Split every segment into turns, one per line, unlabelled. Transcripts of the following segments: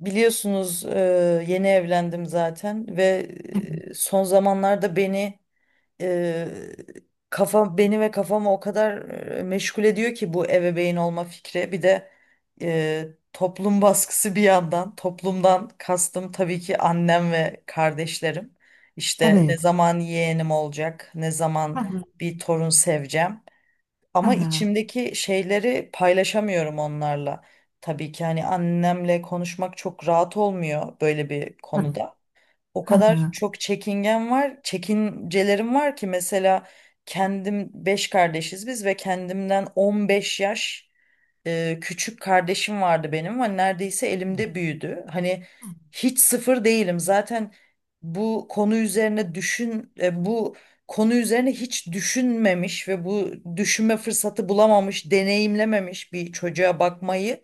Biliyorsunuz yeni evlendim zaten ve son zamanlarda beni e, kafa beni ve kafamı o kadar meşgul ediyor ki bu ebeveyn olma fikri. Bir de e, toplum baskısı bir yandan. Toplumdan kastım tabii ki annem ve kardeşlerim. İşte ne
Evet.
zaman yeğenim olacak, ne zaman
Ha ha
bir torun seveceğim.
ha
Ama
ha.
içimdeki şeyleri paylaşamıyorum onlarla. Tabii ki hani annemle konuşmak çok rahat olmuyor böyle bir
Tabii.
konuda, o
Ha
kadar
ha.
çok çekingen var, çekincelerim var ki. Mesela kendim 5 kardeşiz biz ve kendimden 15 yaş küçük kardeşim vardı benim. Hani neredeyse elimde büyüdü. Hani hiç sıfır değilim. Zaten bu konu üzerine hiç düşünmemiş ve bu düşünme fırsatı bulamamış, deneyimlememiş bir çocuğa bakmayı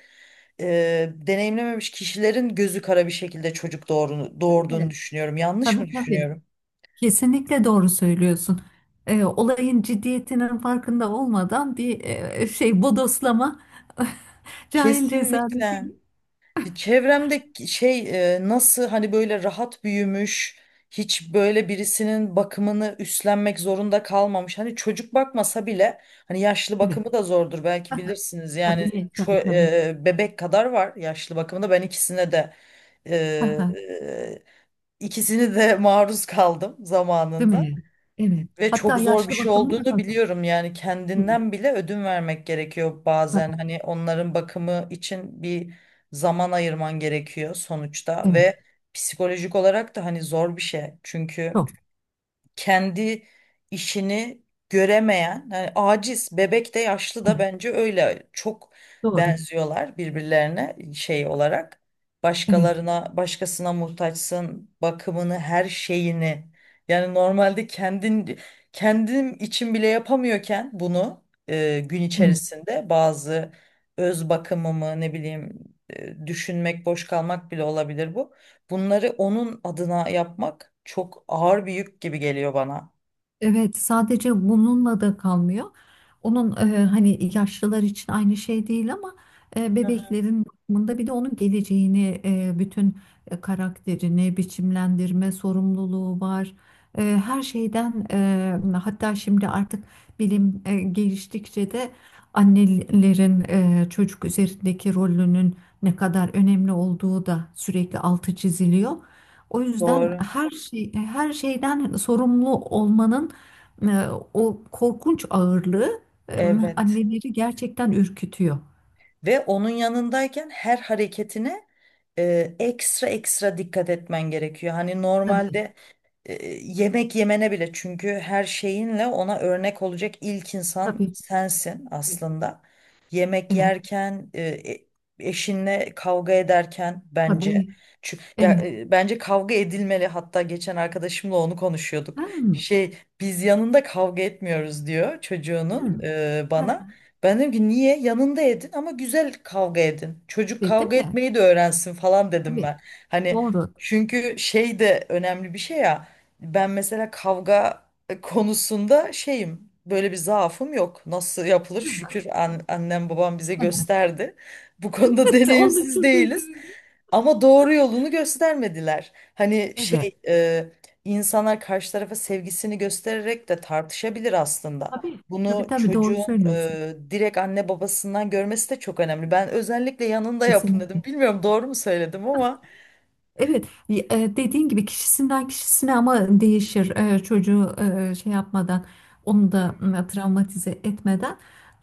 deneyimlememiş kişilerin gözü kara bir şekilde çocuk
Değil
doğurduğunu
mi?
düşünüyorum. Yanlış mı
Tabii, tabii.
düşünüyorum?
Kesinlikle doğru söylüyorsun. Olayın ciddiyetinin farkında olmadan bir şey bodoslama cahil cezaleti.
Kesinlikle. Çevremde şey nasıl hani böyle rahat büyümüş, hiç böyle birisinin bakımını üstlenmek zorunda kalmamış. Hani çocuk bakmasa bile hani yaşlı
Evet.
bakımı da zordur, belki
Ha ha.
bilirsiniz. Yani
Tabii, tabii, tabii.
bebek kadar var yaşlı bakımında. Ben ikisine de e,
Ha ha.
e, ikisini de maruz kaldım
Değil
zamanında.
mi? Evet.
Ve
Hatta
çok zor bir
yaşlı
şey
bakımı da
olduğunu
hazır.
biliyorum. Yani
Evet.
kendinden bile ödün vermek gerekiyor bazen,
Tabii.
hani onların bakımı için bir zaman ayırman gerekiyor sonuçta.
Evet.
Ve psikolojik olarak da hani zor bir şey, çünkü
Çok.
kendi işini göremeyen, yani aciz, bebek de yaşlı da
Evet.
bence öyle çok
Doğru.
benziyorlar birbirlerine şey olarak.
Evet.
Başkasına muhtaçsın, bakımını, her şeyini. Yani normalde kendim için bile yapamıyorken bunu gün
Evet.
içerisinde bazı öz bakımımı, ne bileyim düşünmek, boş kalmak bile olabilir bu. Bunları onun adına yapmak çok ağır bir yük gibi geliyor bana.
Evet, sadece bununla da kalmıyor. Onun, hani yaşlılar için aynı şey değil ama
Hı hı.
bebeklerin bakımında bir de onun geleceğini, bütün karakterini biçimlendirme sorumluluğu var. Her şeyden hatta şimdi artık bilim geliştikçe de annelerin çocuk üzerindeki rolünün ne kadar önemli olduğu da sürekli altı çiziliyor. O yüzden
Doğru.
her şeyden sorumlu olmanın e, o korkunç ağırlığı e,
Evet.
anneleri gerçekten ürkütüyor.
Ve onun yanındayken her hareketine ekstra ekstra dikkat etmen gerekiyor. Hani
Tabii,
normalde yemek yemene bile, çünkü her şeyinle ona örnek olacak ilk insan
tabii.
sensin aslında. Yemek
Evet,
yerken, eşinle kavga ederken bence,
tabii.
çünkü ya,
Evet.
bence kavga edilmeli. Hatta geçen arkadaşımla onu konuşuyorduk.
Hmm,
Şey, biz yanında kavga etmiyoruz diyor çocuğunun,
hmm.
bana.
Ha,
Ben dedim ki niye? Yanında edin ama güzel kavga edin. Çocuk
tabii, değil
kavga
mi?
etmeyi de öğrensin falan dedim
Tabii.
ben. Hani
Doğru.
çünkü şey de önemli bir şey ya. Ben mesela kavga konusunda şeyim. Böyle bir zaafım yok. Nasıl yapılır? Şükür, annem babam bize gösterdi. Bu konuda
Onu çok
deneyimsiz
iyi
değiliz.
duydum.
Ama doğru yolunu göstermediler. Hani
Evet.
şey, insanlar karşı tarafa sevgisini göstererek de tartışabilir aslında.
Tabii. Tabii,
Bunu
tabii, doğru
çocuğun
söylüyorsun.
direkt anne babasından görmesi de çok önemli. Ben özellikle yanında yapın dedim.
Kesinlikle.
Bilmiyorum doğru mu söyledim ama...
Evet, dediğin gibi kişisinden kişisine ama değişir çocuğu şey yapmadan onu
Hı.
da travmatize etmeden.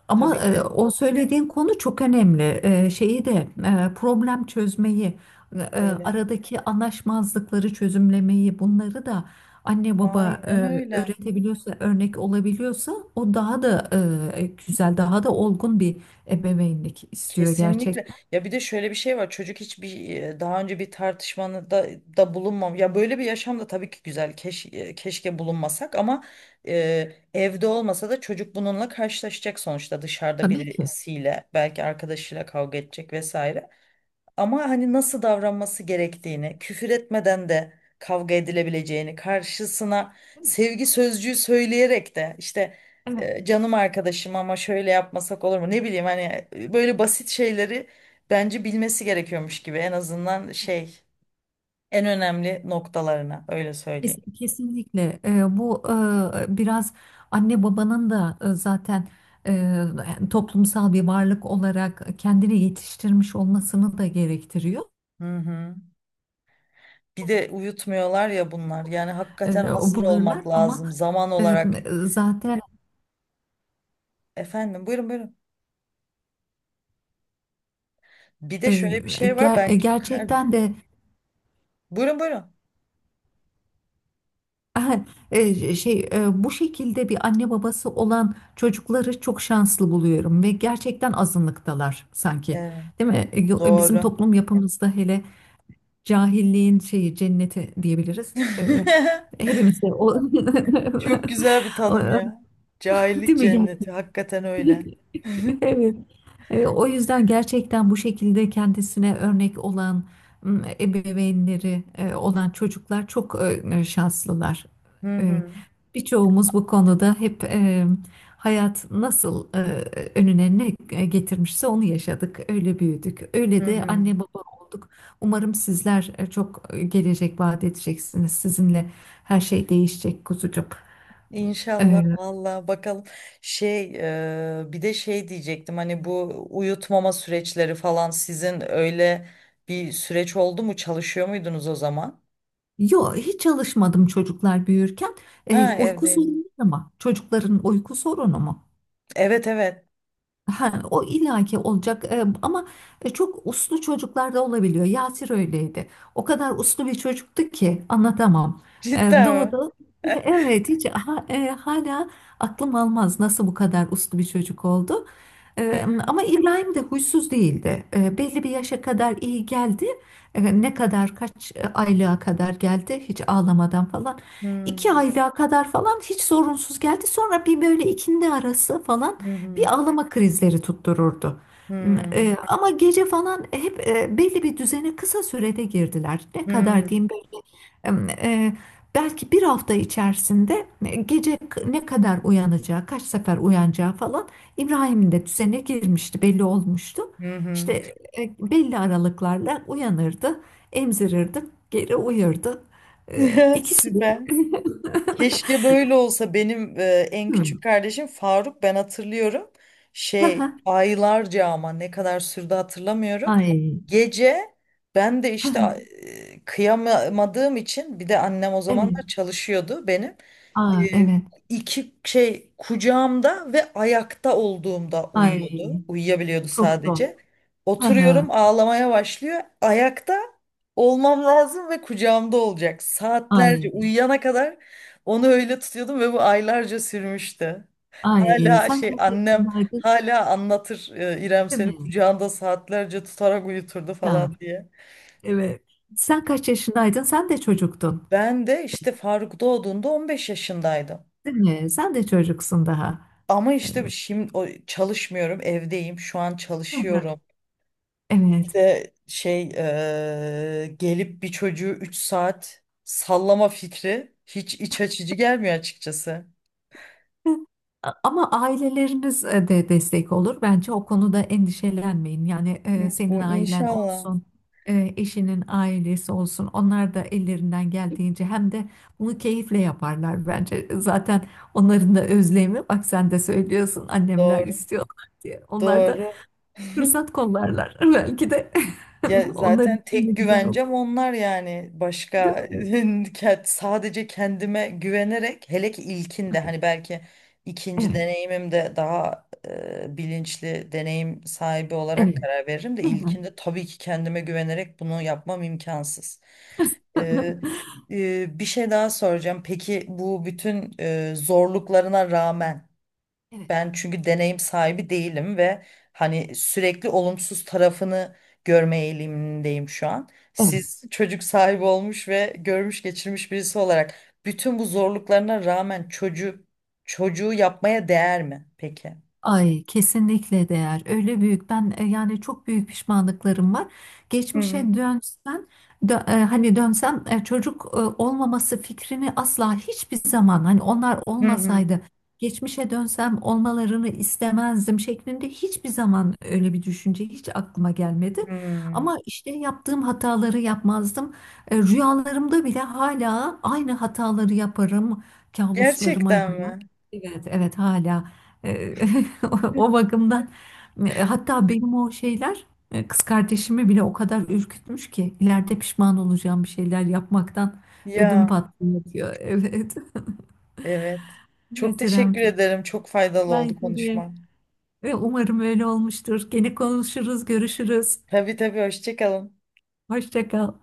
Ama
Tabii ki.
o söylediğin konu çok önemli. Şeyi de problem çözmeyi,
Evet.
aradaki anlaşmazlıkları çözümlemeyi, bunları da anne baba
Aynen öyle.
öğretebiliyorsa, örnek olabiliyorsa o daha da güzel, daha da olgun bir ebeveynlik istiyor
Kesinlikle.
gerçekten.
Ya bir de şöyle bir şey var. Çocuk hiçbir, daha önce bir tartışmanı da bulunmam. Ya böyle bir yaşam da tabii ki güzel. Keşke bulunmasak ama evde olmasa da çocuk bununla karşılaşacak sonuçta, dışarıda
Tabii ki.
birisiyle, belki arkadaşıyla kavga edecek vesaire. Ama hani nasıl davranması gerektiğini, küfür etmeden de kavga edilebileceğini, karşısına sevgi sözcüğü söyleyerek de işte,
Evet.
canım arkadaşım ama şöyle yapmasak olur mu? Ne bileyim, hani böyle basit şeyleri bence bilmesi gerekiyormuş gibi, en azından şey, en önemli noktalarına, öyle söyleyeyim.
Kesinlikle. Bu biraz anne babanın da zaten eee, toplumsal bir varlık olarak kendini yetiştirmiş olmasını da gerektiriyor.
Hı hı. Bir de uyutmuyorlar ya bunlar. Yani hakikaten
O
hazır
bulurlar
olmak
ama
lazım zaman
eee,
olarak.
zaten
Efendim, buyurun buyurun. Bir de şöyle bir
eee,
şey var ben,
gerçekten de
buyurun buyurun.
şey bu şekilde bir anne babası olan çocukları çok şanslı buluyorum ve gerçekten azınlıktalar sanki.
Evet,
Değil mi? Bizim
doğru.
toplum yapımızda hele. Cahilliğin şeyi cenneti diyebiliriz. Ee, hepimiz de o,
Çok güzel bir tanım
o-
ya. Cahillik
değil mi?
cenneti. Hakikaten öyle.
Evet. O yüzden gerçekten bu şekilde kendisine örnek olan, ebeveynleri olan çocuklar çok şanslılar.
Hı
E,
hı,
Birçoğumuz bu konuda hep hayat nasıl önüne ne getirmişse onu yaşadık, öyle büyüdük,
hı
öyle de
hı.
anne baba olduk. Umarım sizler çok gelecek vaat edeceksiniz. Sizinle her şey değişecek kuzucuğum.
İnşallah,
E,
valla bakalım. Şey, bir de şey diyecektim, hani bu uyutmama süreçleri falan sizin öyle bir süreç oldu mu, çalışıyor muydunuz o zaman?
Yok, hiç çalışmadım çocuklar büyürken.
Ha,
Uyku
evdeydim.
sorunu, ama çocukların uyku sorunu mu?
Evet, evet.
Ha, o illaki olacak. Ama çok uslu çocuklar da olabiliyor. Yasir öyleydi. O kadar uslu bir çocuktu ki anlatamam. E,
Cidden mi?
doğdu. Evet, hiç hala aklım almaz nasıl bu kadar uslu bir çocuk oldu. Ee, ama İbrahim de huysuz değildi. Belli bir yaşa kadar iyi geldi. Ne kadar kaç aylığa kadar geldi hiç ağlamadan falan. İki
Hmm,
aylığa kadar falan hiç sorunsuz geldi. Sonra bir böyle ikindi arası falan
hı hı,
bir ağlama krizleri tuttururdu. Hmm, e,
hı
ama gece falan hep belli bir düzene kısa sürede girdiler. Ne kadar
hı,
diyeyim, e, belki bir hafta içerisinde gece ne kadar uyanacağı, kaç sefer uyanacağı falan İbrahim'in de düzene girmişti, belli olmuştu.
hı hı.
İşte, belli aralıklarla uyanırdı, emzirirdi, geri uyurdu.
Ya,
İkisi de.
süper. Keşke böyle olsa benim. En küçük
Hmm.
kardeşim Faruk, ben hatırlıyorum. Şey
Aha.
aylarca, ama ne kadar sürdü hatırlamıyorum.
Ay.
Gece ben de işte
Aha.
kıyamadığım için, bir de annem o zamanlar
Evet.
çalışıyordu benim,
Aa,
e,
evet.
iki şey, kucağımda ve ayakta olduğumda uyuyordu.
Ay.
Uyuyabiliyordu
Çok zor.
sadece.
Aha.
Oturuyorum, ağlamaya başlıyor. Ayakta olmam lazım ve kucağımda olacak. Saatlerce,
Ay.
uyuyana kadar onu öyle tutuyordum ve bu aylarca sürmüştü.
Ay.
Hala
Sanki
şey,
hep
annem
günaydın,
hala anlatır, İrem
değil
seni
mi?
kucağında saatlerce tutarak uyuturdu falan
Ya.
diye.
Evet. Sen kaç yaşındaydın? Sen de çocuktun,
Ben de işte Faruk doğduğunda 15 yaşındaydım.
değil mi? Sen de çocuksun daha.
Ama işte
Evet.
şimdi çalışmıyorum, evdeyim. Şu an
Aha.
çalışıyorum. Bir
Evet.
de şey, gelip bir çocuğu 3 saat sallama fikri hiç iç açıcı gelmiyor açıkçası.
Ama aileleriniz de destek olur. Bence o konuda endişelenmeyin. Yani, senin
Bu
ailen
inşallah.
olsun, eşinin ailesi olsun. Onlar da ellerinden geldiğince hem de bunu keyifle yaparlar bence. Zaten onların da özlemi, bak sen de söylüyorsun annemler
Doğru,
istiyorlar diye. Onlar da
doğru.
fırsat kollarlar. Belki de
Ya
onlar
zaten
için de
tek
güzel olur.
güvencem onlar, yani
Değil
başka
mi?
sadece kendime güvenerek, hele ki ilkinde, hani belki ikinci
Evet.
deneyimimde daha bilinçli, deneyim sahibi olarak
Evet.
karar veririm, de ilkinde tabii ki kendime güvenerek bunu yapmam imkansız. Ee, bir şey daha soracağım. Peki bu bütün zorluklarına rağmen,
Evet.
ben çünkü deneyim sahibi değilim ve hani sürekli olumsuz tarafını görme eğilimindeyim şu an. Siz çocuk sahibi olmuş ve görmüş geçirmiş birisi olarak, bütün bu zorluklarına rağmen çocuğu yapmaya değer mi peki?
Ay, kesinlikle değer. Öyle büyük ben, yani çok büyük pişmanlıklarım var.
Hı hı.
Geçmişe dönsen dö- e, Hani dönsem, çocuk olmaması fikrini asla hiçbir zaman, hani onlar
Hı hı.
olmasaydı geçmişe dönsem olmalarını istemezdim şeklinde hiçbir zaman öyle bir düşünce hiç aklıma gelmedi.
Hı.
Ama işte yaptığım hataları yapmazdım. Rüyalarımda bile hala aynı hataları yaparım. Kabuslarıma
Gerçekten
girer.
mi?
Evet, evet, hala. O bakımdan hatta benim o şeyler kız kardeşimi bile o kadar ürkütmüş ki ileride pişman olacağım bir şeyler yapmaktan ödüm
Ya,
patlıyor diyor. Evet.
evet. Çok
Evet, İrem,
teşekkür
çok
ederim. Çok faydalı
güzel.
oldu konuşma.
Ve umarım öyle olmuştur. Gene konuşuruz, görüşürüz.
Tabii tabii, hoşça kalın.
Hoşça kal.